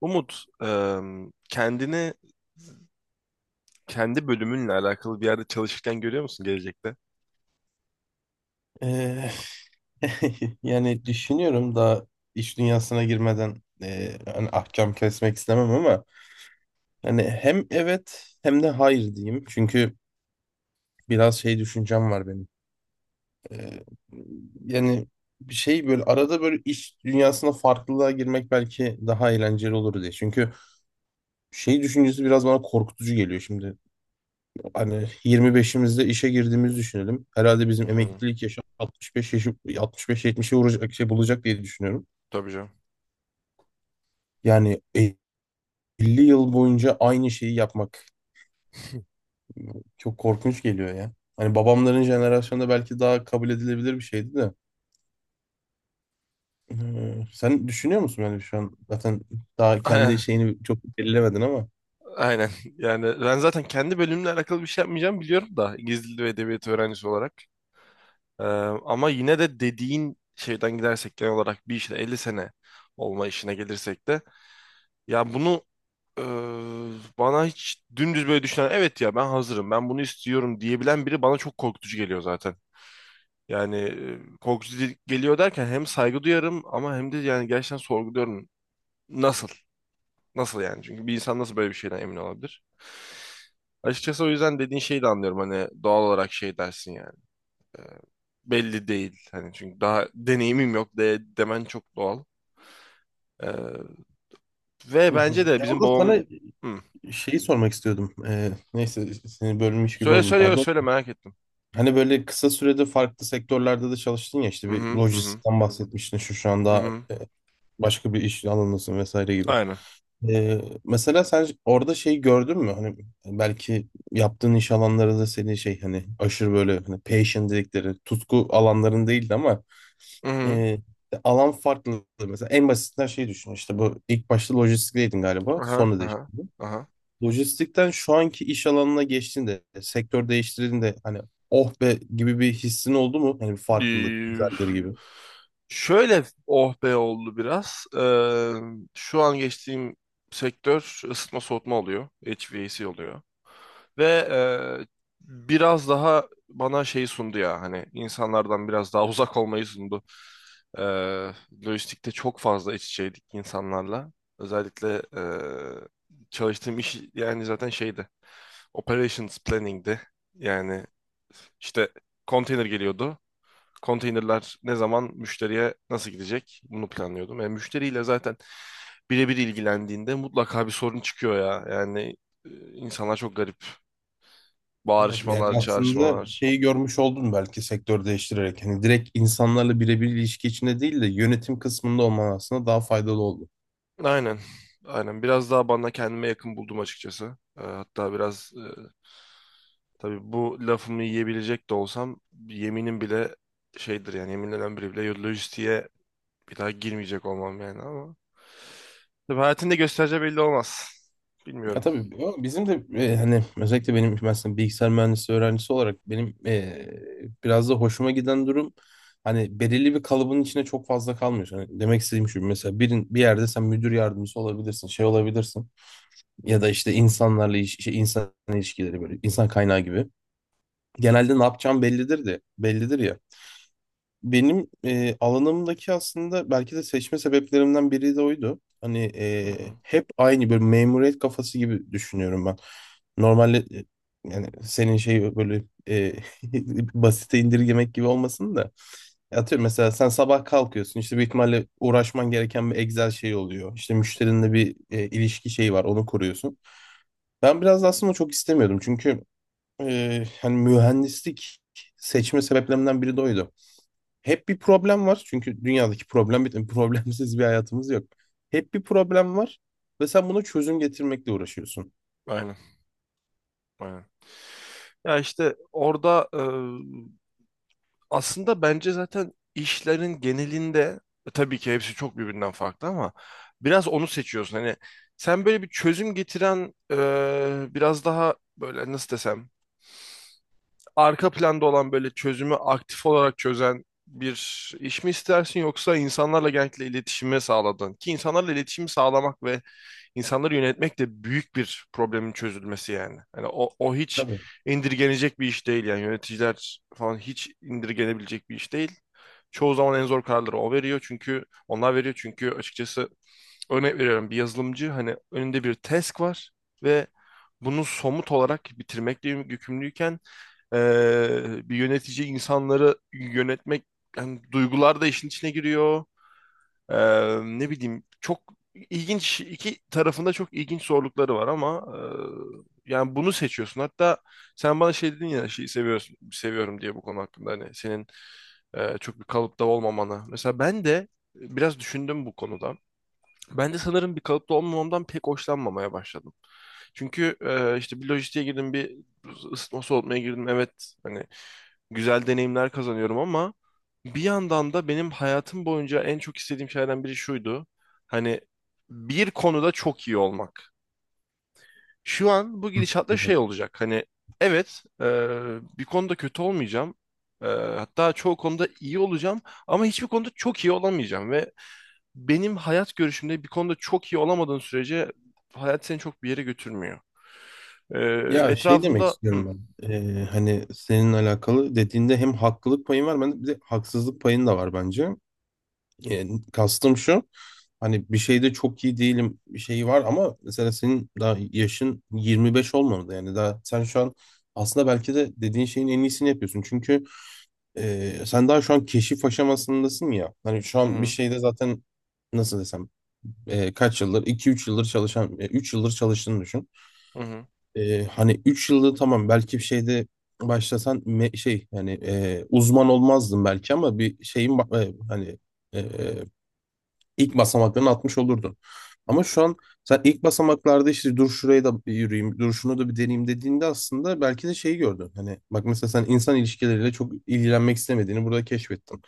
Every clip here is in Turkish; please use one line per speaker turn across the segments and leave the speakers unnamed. Umut, kendi bölümünle alakalı bir yerde çalışırken görüyor musun gelecekte?
Eee, yani düşünüyorum daha iş dünyasına girmeden hani ahkam kesmek istemem ama hani hem evet hem de hayır diyeyim. Çünkü biraz şey düşüncem var benim. Eee, yani bir şey böyle arada böyle iş dünyasına farklılığa girmek belki daha eğlenceli olur diye. Çünkü şey düşüncesi biraz bana korkutucu geliyor şimdi. Hani 25'imizde işe girdiğimizi düşünelim. Herhalde
Hı
bizim
hı.
emeklilik yaşı 65 yaşı 65-70'e vuracak şey bulacak diye düşünüyorum.
Tabii canım.
Yani 50 yıl boyunca aynı şeyi yapmak çok korkunç geliyor ya. Hani babamların jenerasyonunda belki daha kabul edilebilir bir şeydi de. Sen düşünüyor musun yani şu an zaten daha
Aynen.
kendi şeyini çok belirlemedin ama.
Aynen. Yani ben zaten kendi bölümümle alakalı bir şey yapmayacağım biliyorum da İngiliz Dili ve Edebiyatı öğrencisi olarak. Em, Ama yine de dediğin şeyden gidersek genel olarak bir işte 50 sene olma işine gelirsek de ya bunu e, bana hiç dümdüz böyle düşünen evet ya ben hazırım ben bunu istiyorum diyebilen biri bana çok korkutucu geliyor zaten. Yani korkutucu geliyor derken hem saygı duyarım ama hem de yani gerçekten sorguluyorum. Nasıl? Nasıl yani? Çünkü bir insan nasıl böyle bir şeyden emin olabilir? Açıkçası o yüzden dediğin şeyi de anlıyorum. Hani doğal olarak şey dersin yani. e, Belli değil. Hani çünkü daha deneyimim yok demen çok doğal. E, Ve
Hı hı.
bence de
Ya
bizim
orada
babam...
sana
Hı.
şeyi sormak istiyordum. Neyse seni bölmüş gibi
Söyle
oldum,
söyle
pardon.
söyle merak ettim.
Hani böyle kısa sürede farklı sektörlerde de çalıştın ya, işte
Hı
bir
hı hı hı.
lojistikten bahsetmiştin, şu
Hı
anda
hı.
başka bir iş alanındasın vesaire gibi.
Aynen.
Mesela sen orada şey gördün mü? Hani belki yaptığın iş alanları da senin şey, hani aşırı böyle hani passion dedikleri tutku alanların değildi ama
Hı hı.
e, alan farklı. Mesela en basitinden şey düşün, işte bu ilk başta lojistikteydin galiba
Aha
sonra
aha
değiştirdin.
aha.
Lojistikten şu anki iş alanına geçtiğinde sektör değiştirdiğinde hani oh be gibi bir hissin oldu mu? Hani bir farklılık
Ee,
güzeldir gibi.
Şöyle oh be oldu biraz. Şu an geçtiğim sektör ısıtma soğutma oluyor. HVAC oluyor. Ve e, biraz daha bana şey sundu ya, hani insanlardan biraz daha uzak olmayı sundu. Ee, Lojistikte çok fazla iç içeydik insanlarla. Özellikle çalıştığım iş yani zaten şeydi. Operations planning'di. Yani işte konteyner geliyordu, konteynerler ne zaman müşteriye nasıl gidecek bunu planlıyordum. Yani müşteriyle zaten birebir ilgilendiğinde mutlaka bir sorun çıkıyor ya. Yani insanlar çok garip.
Anladım. Yani
Bağırışmalar,
aslında
çağrışmalar.
şeyi görmüş oldum belki sektör değiştirerek. Hani direkt insanlarla birebir ilişki içinde değil de yönetim kısmında olman aslında daha faydalı oldu.
Aynen. Aynen. Biraz daha bana kendime yakın buldum açıkçası. Hatta biraz tabii bu lafımı yiyebilecek de olsam, yeminim bile şeydir yani, yeminlenen biri bile lojistiğe bir daha girmeyecek olmam yani, ama tabii hayatında gösterece belli olmaz.
Ya
Bilmiyorum.
tabii, o bizim de hani özellikle benim mesela bilgisayar mühendisliği öğrencisi olarak benim biraz da hoşuma giden durum hani belirli bir kalıbın içine çok fazla kalmıyorsun. Hani demek istediğim şu, mesela birin bir yerde sen müdür yardımcısı olabilirsin, şey olabilirsin ya da işte insanlarla iş, şey, insan ilişkileri böyle insan kaynağı gibi. Genelde ne yapacağım bellidir de bellidir ya. Benim alanımdaki aslında belki de seçme sebeplerimden biri de oydu. Hani
Hı hı.
hep aynı bir memuriyet kafası gibi düşünüyorum ben. Normalde yani senin şey böyle basite indirgemek gibi olmasın da. Atıyorum mesela sen sabah kalkıyorsun, işte büyük ihtimalle uğraşman gereken bir Excel şey oluyor. İşte müşterinle bir ilişki şeyi var, onu kuruyorsun. Ben biraz da aslında çok istemiyordum, çünkü hani mühendislik seçme sebeplerimden biri de oydu. Hep bir problem var. Çünkü dünyadaki problem bitmiyor. Problemsiz bir hayatımız yok. Hep bir problem var ve sen buna çözüm getirmekle uğraşıyorsun.
Aynen, aynen. Ya işte orada aslında bence zaten işlerin genelinde tabii ki hepsi çok birbirinden farklı ama biraz onu seçiyorsun. Hani sen böyle bir çözüm getiren biraz daha böyle nasıl desem arka planda olan böyle çözümü aktif olarak çözen bir iş mi istersin, yoksa insanlarla genellikle iletişimi sağladın? Ki insanlarla iletişimi sağlamak ve insanları yönetmek de büyük bir problemin çözülmesi yani. Hani o hiç
Tabii.
indirgenecek bir iş değil yani, yöneticiler falan hiç indirgenebilecek bir iş değil. Çoğu zaman en zor kararları o veriyor çünkü onlar veriyor çünkü açıkçası örnek veriyorum, bir yazılımcı hani önünde bir task var ve bunu somut olarak bitirmekle yükümlüyken bir yönetici insanları yönetmek, yani duygular da işin içine giriyor. Ne bileyim, çok ilginç, iki tarafında çok ilginç zorlukları var ama yani bunu seçiyorsun. Hatta sen bana şey dedin ya, şeyi seviyorsun seviyorum diye, bu konu hakkında hani senin çok bir kalıpta olmamanı. Mesela ben de biraz düşündüm bu konuda. Ben de sanırım bir kalıpta olmamamdan pek hoşlanmamaya başladım. Çünkü işte bir lojistiğe girdim, bir ısıtma soğutmaya girdim. Evet, hani güzel deneyimler kazanıyorum ama bir yandan da benim hayatım boyunca en çok istediğim şeylerden biri şuydu. Hani bir konuda çok iyi olmak. Şu an bu
Hı.
gidişatla şey
Hı.
olacak. Hani evet, bir konuda kötü olmayacağım. Hatta çoğu konuda iyi olacağım ama hiçbir konuda çok iyi olamayacağım, ve benim hayat görüşümde bir konuda çok iyi olamadığın sürece hayat seni çok bir yere götürmüyor. Ee,
Ya şey demek
Etrafımda, hı,
istiyorum ben. Ee,
hı,
hani senin alakalı dediğinde hem haklılık payın var, ben de bir de haksızlık payın da var bence. E, kastım şu. Hani bir şeyde çok iyi değilim bir şeyi var, ama mesela senin daha yaşın 25 olmadı, yani daha sen şu an aslında belki de dediğin şeyin en iyisini yapıyorsun. Çünkü sen daha şu an keşif aşamasındasın ya. Hani şu an bir
hı,
şeyde zaten nasıl desem kaç yıldır 2-3 yıldır çalışan 3 yıldır çalıştığını düşün.
hı,
Hani 3 yıldır tamam, belki bir şeyde başlasan şey yani uzman olmazdın belki, ama bir şeyin hani e, İlk basamaklarını atmış olurdun. Ama şu an sen ilk basamaklarda, işte dur şurayı da bir yürüyeyim, dur şunu da bir deneyeyim dediğinde aslında belki de şeyi gördün. Hani bak mesela sen insan ilişkileriyle çok ilgilenmek istemediğini burada keşfettin.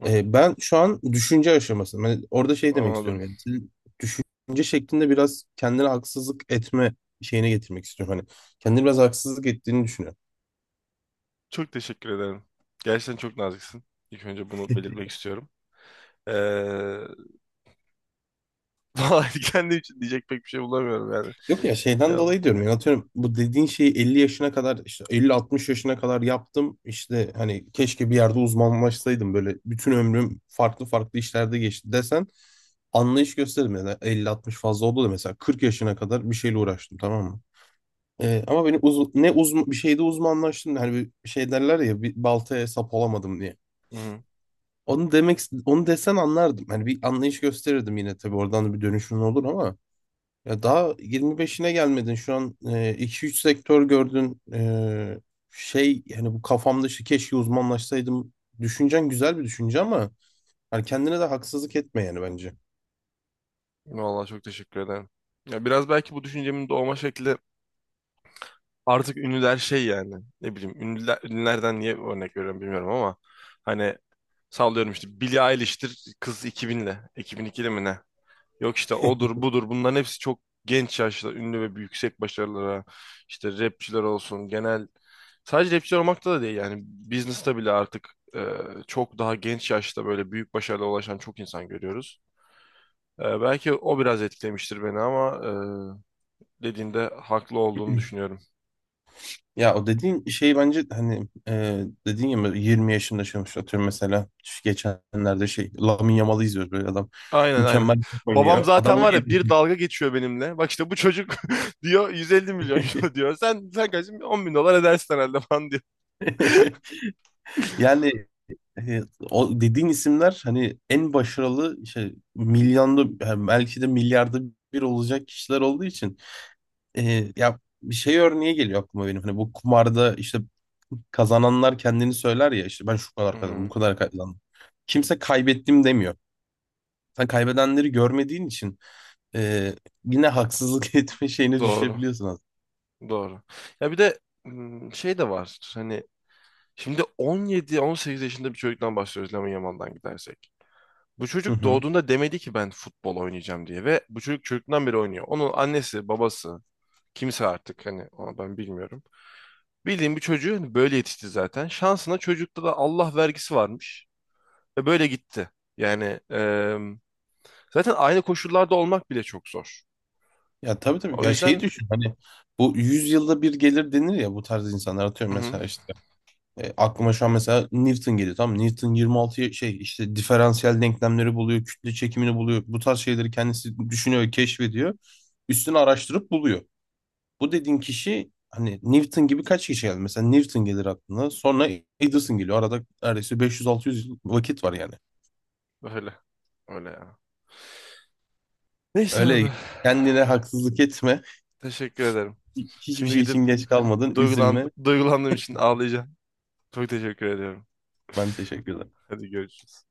hı, hı.
Ben şu an düşünce aşaması. Ben orada şey demek istiyorum
Anladım.
yani, senin düşünce şeklinde biraz kendine haksızlık etme şeyine getirmek istiyorum. Hani kendine biraz haksızlık ettiğini düşünüyorum.
Çok teşekkür ederim. Gerçekten çok naziksin. İlk önce bunu belirtmek istiyorum. Ee, Vallahi kendim için diyecek pek bir şey bulamıyorum yani.
Yok ya, şeyden
Eyvallah.
dolayı diyorum yani, atıyorum bu dediğin şeyi 50 yaşına kadar, işte 50-60 yaşına kadar yaptım, işte hani keşke bir yerde uzmanlaşsaydım, böyle bütün ömrüm farklı farklı işlerde geçti desen anlayış gösteririm, yani 50-60 fazla oldu da, mesela 40 yaşına kadar bir şeyle uğraştım, tamam mı? Ama beni ne uzman bir şeyde uzmanlaştım, hani bir şey derler ya, bir baltaya sap olamadım diye.
Hı hı.
Onu demek onu desen anlardım. Hani bir anlayış gösterirdim yine, tabii oradan da bir dönüşüm olur, ama ya daha 25'ine gelmedin. Şu an iki üç sektör gördün. Şey yani bu kafam dışı keşke uzmanlaşsaydım. Düşüncen güzel bir düşünce ama yani kendine de haksızlık etme yani bence.
Vallahi çok teşekkür ederim. Ya biraz belki bu düşüncemin doğma şekli artık ünlüler şey yani, ne bileyim ünlülerden niye örnek veriyorum bilmiyorum ama, hani sallıyorum işte Billie Eilish'tir, kız 2000'le 2002'li mi ne? Yok işte odur budur, bunların hepsi çok genç yaşta ünlü ve yüksek başarılara, işte rapçiler olsun, genel sadece rapçiler olmakta da değil yani, business'ta bile artık e, çok daha genç yaşta böyle büyük başarılara ulaşan çok insan görüyoruz. Belki o biraz etkilemiştir beni ama dediğinde haklı olduğunu düşünüyorum.
Ya o dediğin şey bence hani dediğin ya böyle 20 yaşında yaşamış, atıyorum mesela şu geçenlerde şey Lamine Yamal'ı izliyoruz, böyle adam
Aynen, aynen.
mükemmel
Babam
oynuyor. Adam
zaten
on
var ya,
yedi
bir dalga geçiyor benimle. Bak işte bu çocuk diyor, 150 milyon euro diyor. Sen kaç 10 bin dolar edersin herhalde falan diyor.
Yani. E, o dediğin isimler hani en başarılı işte milyonda yani belki de milyarda bir olacak kişiler olduğu için ya bir şey örneği geliyor aklıma benim, hani bu kumarda işte kazananlar kendini söyler ya, işte ben şu
Hı
kadar kazandım bu
hı.
kadar kazandım, kimse kaybettim demiyor, sen kaybedenleri görmediğin için e, yine haksızlık etme şeyine
Doğru.
düşebiliyorsun aslında.
Doğru. Ya bir de şey de var. Hani şimdi 17-18 yaşında bir çocuktan bahsediyoruz, Lamine Yamal'dan gidersek. Bu
Hı
çocuk
hı.
doğduğunda demedi ki ben futbol oynayacağım diye, ve bu çocuk çocuktan beri oynuyor. Onun annesi, babası, kimse artık, hani onu ben bilmiyorum. Bildiğim bir çocuğu, hani böyle yetişti zaten. Şansına çocukta da Allah vergisi varmış. Ve böyle gitti. Yani e, zaten aynı koşullarda olmak bile çok zor.
Ya tabii tabii,
O
ya şey
yüzden,
düşün hani bu 100 yılda bir gelir denir ya bu tarz insanlar, atıyorum
hı hı,
mesela işte, aklıma şu an mesela Newton geliyor. Tamam Newton 26 şey işte diferansiyel denklemleri buluyor, kütle çekimini buluyor. Bu tarz şeyleri kendisi düşünüyor, keşfediyor. Üstüne araştırıp buluyor. Bu dediğin kişi hani Newton gibi kaç kişi geldi? Mesela Newton gelir aklına. Sonra Edison geliyor. Arada neredeyse 500-600 yıl vakit var yani.
öyle. Öyle ya. Neyse
Öyle
abi.
kendine haksızlık etme.
Teşekkür ederim.
Hiçbir
Şimdi
şey
gidip
için geç kalmadın. Üzülme.
duygulandığım için ağlayacağım. Çok teşekkür ediyorum.
Ben teşekkür ederim.
Hadi görüşürüz.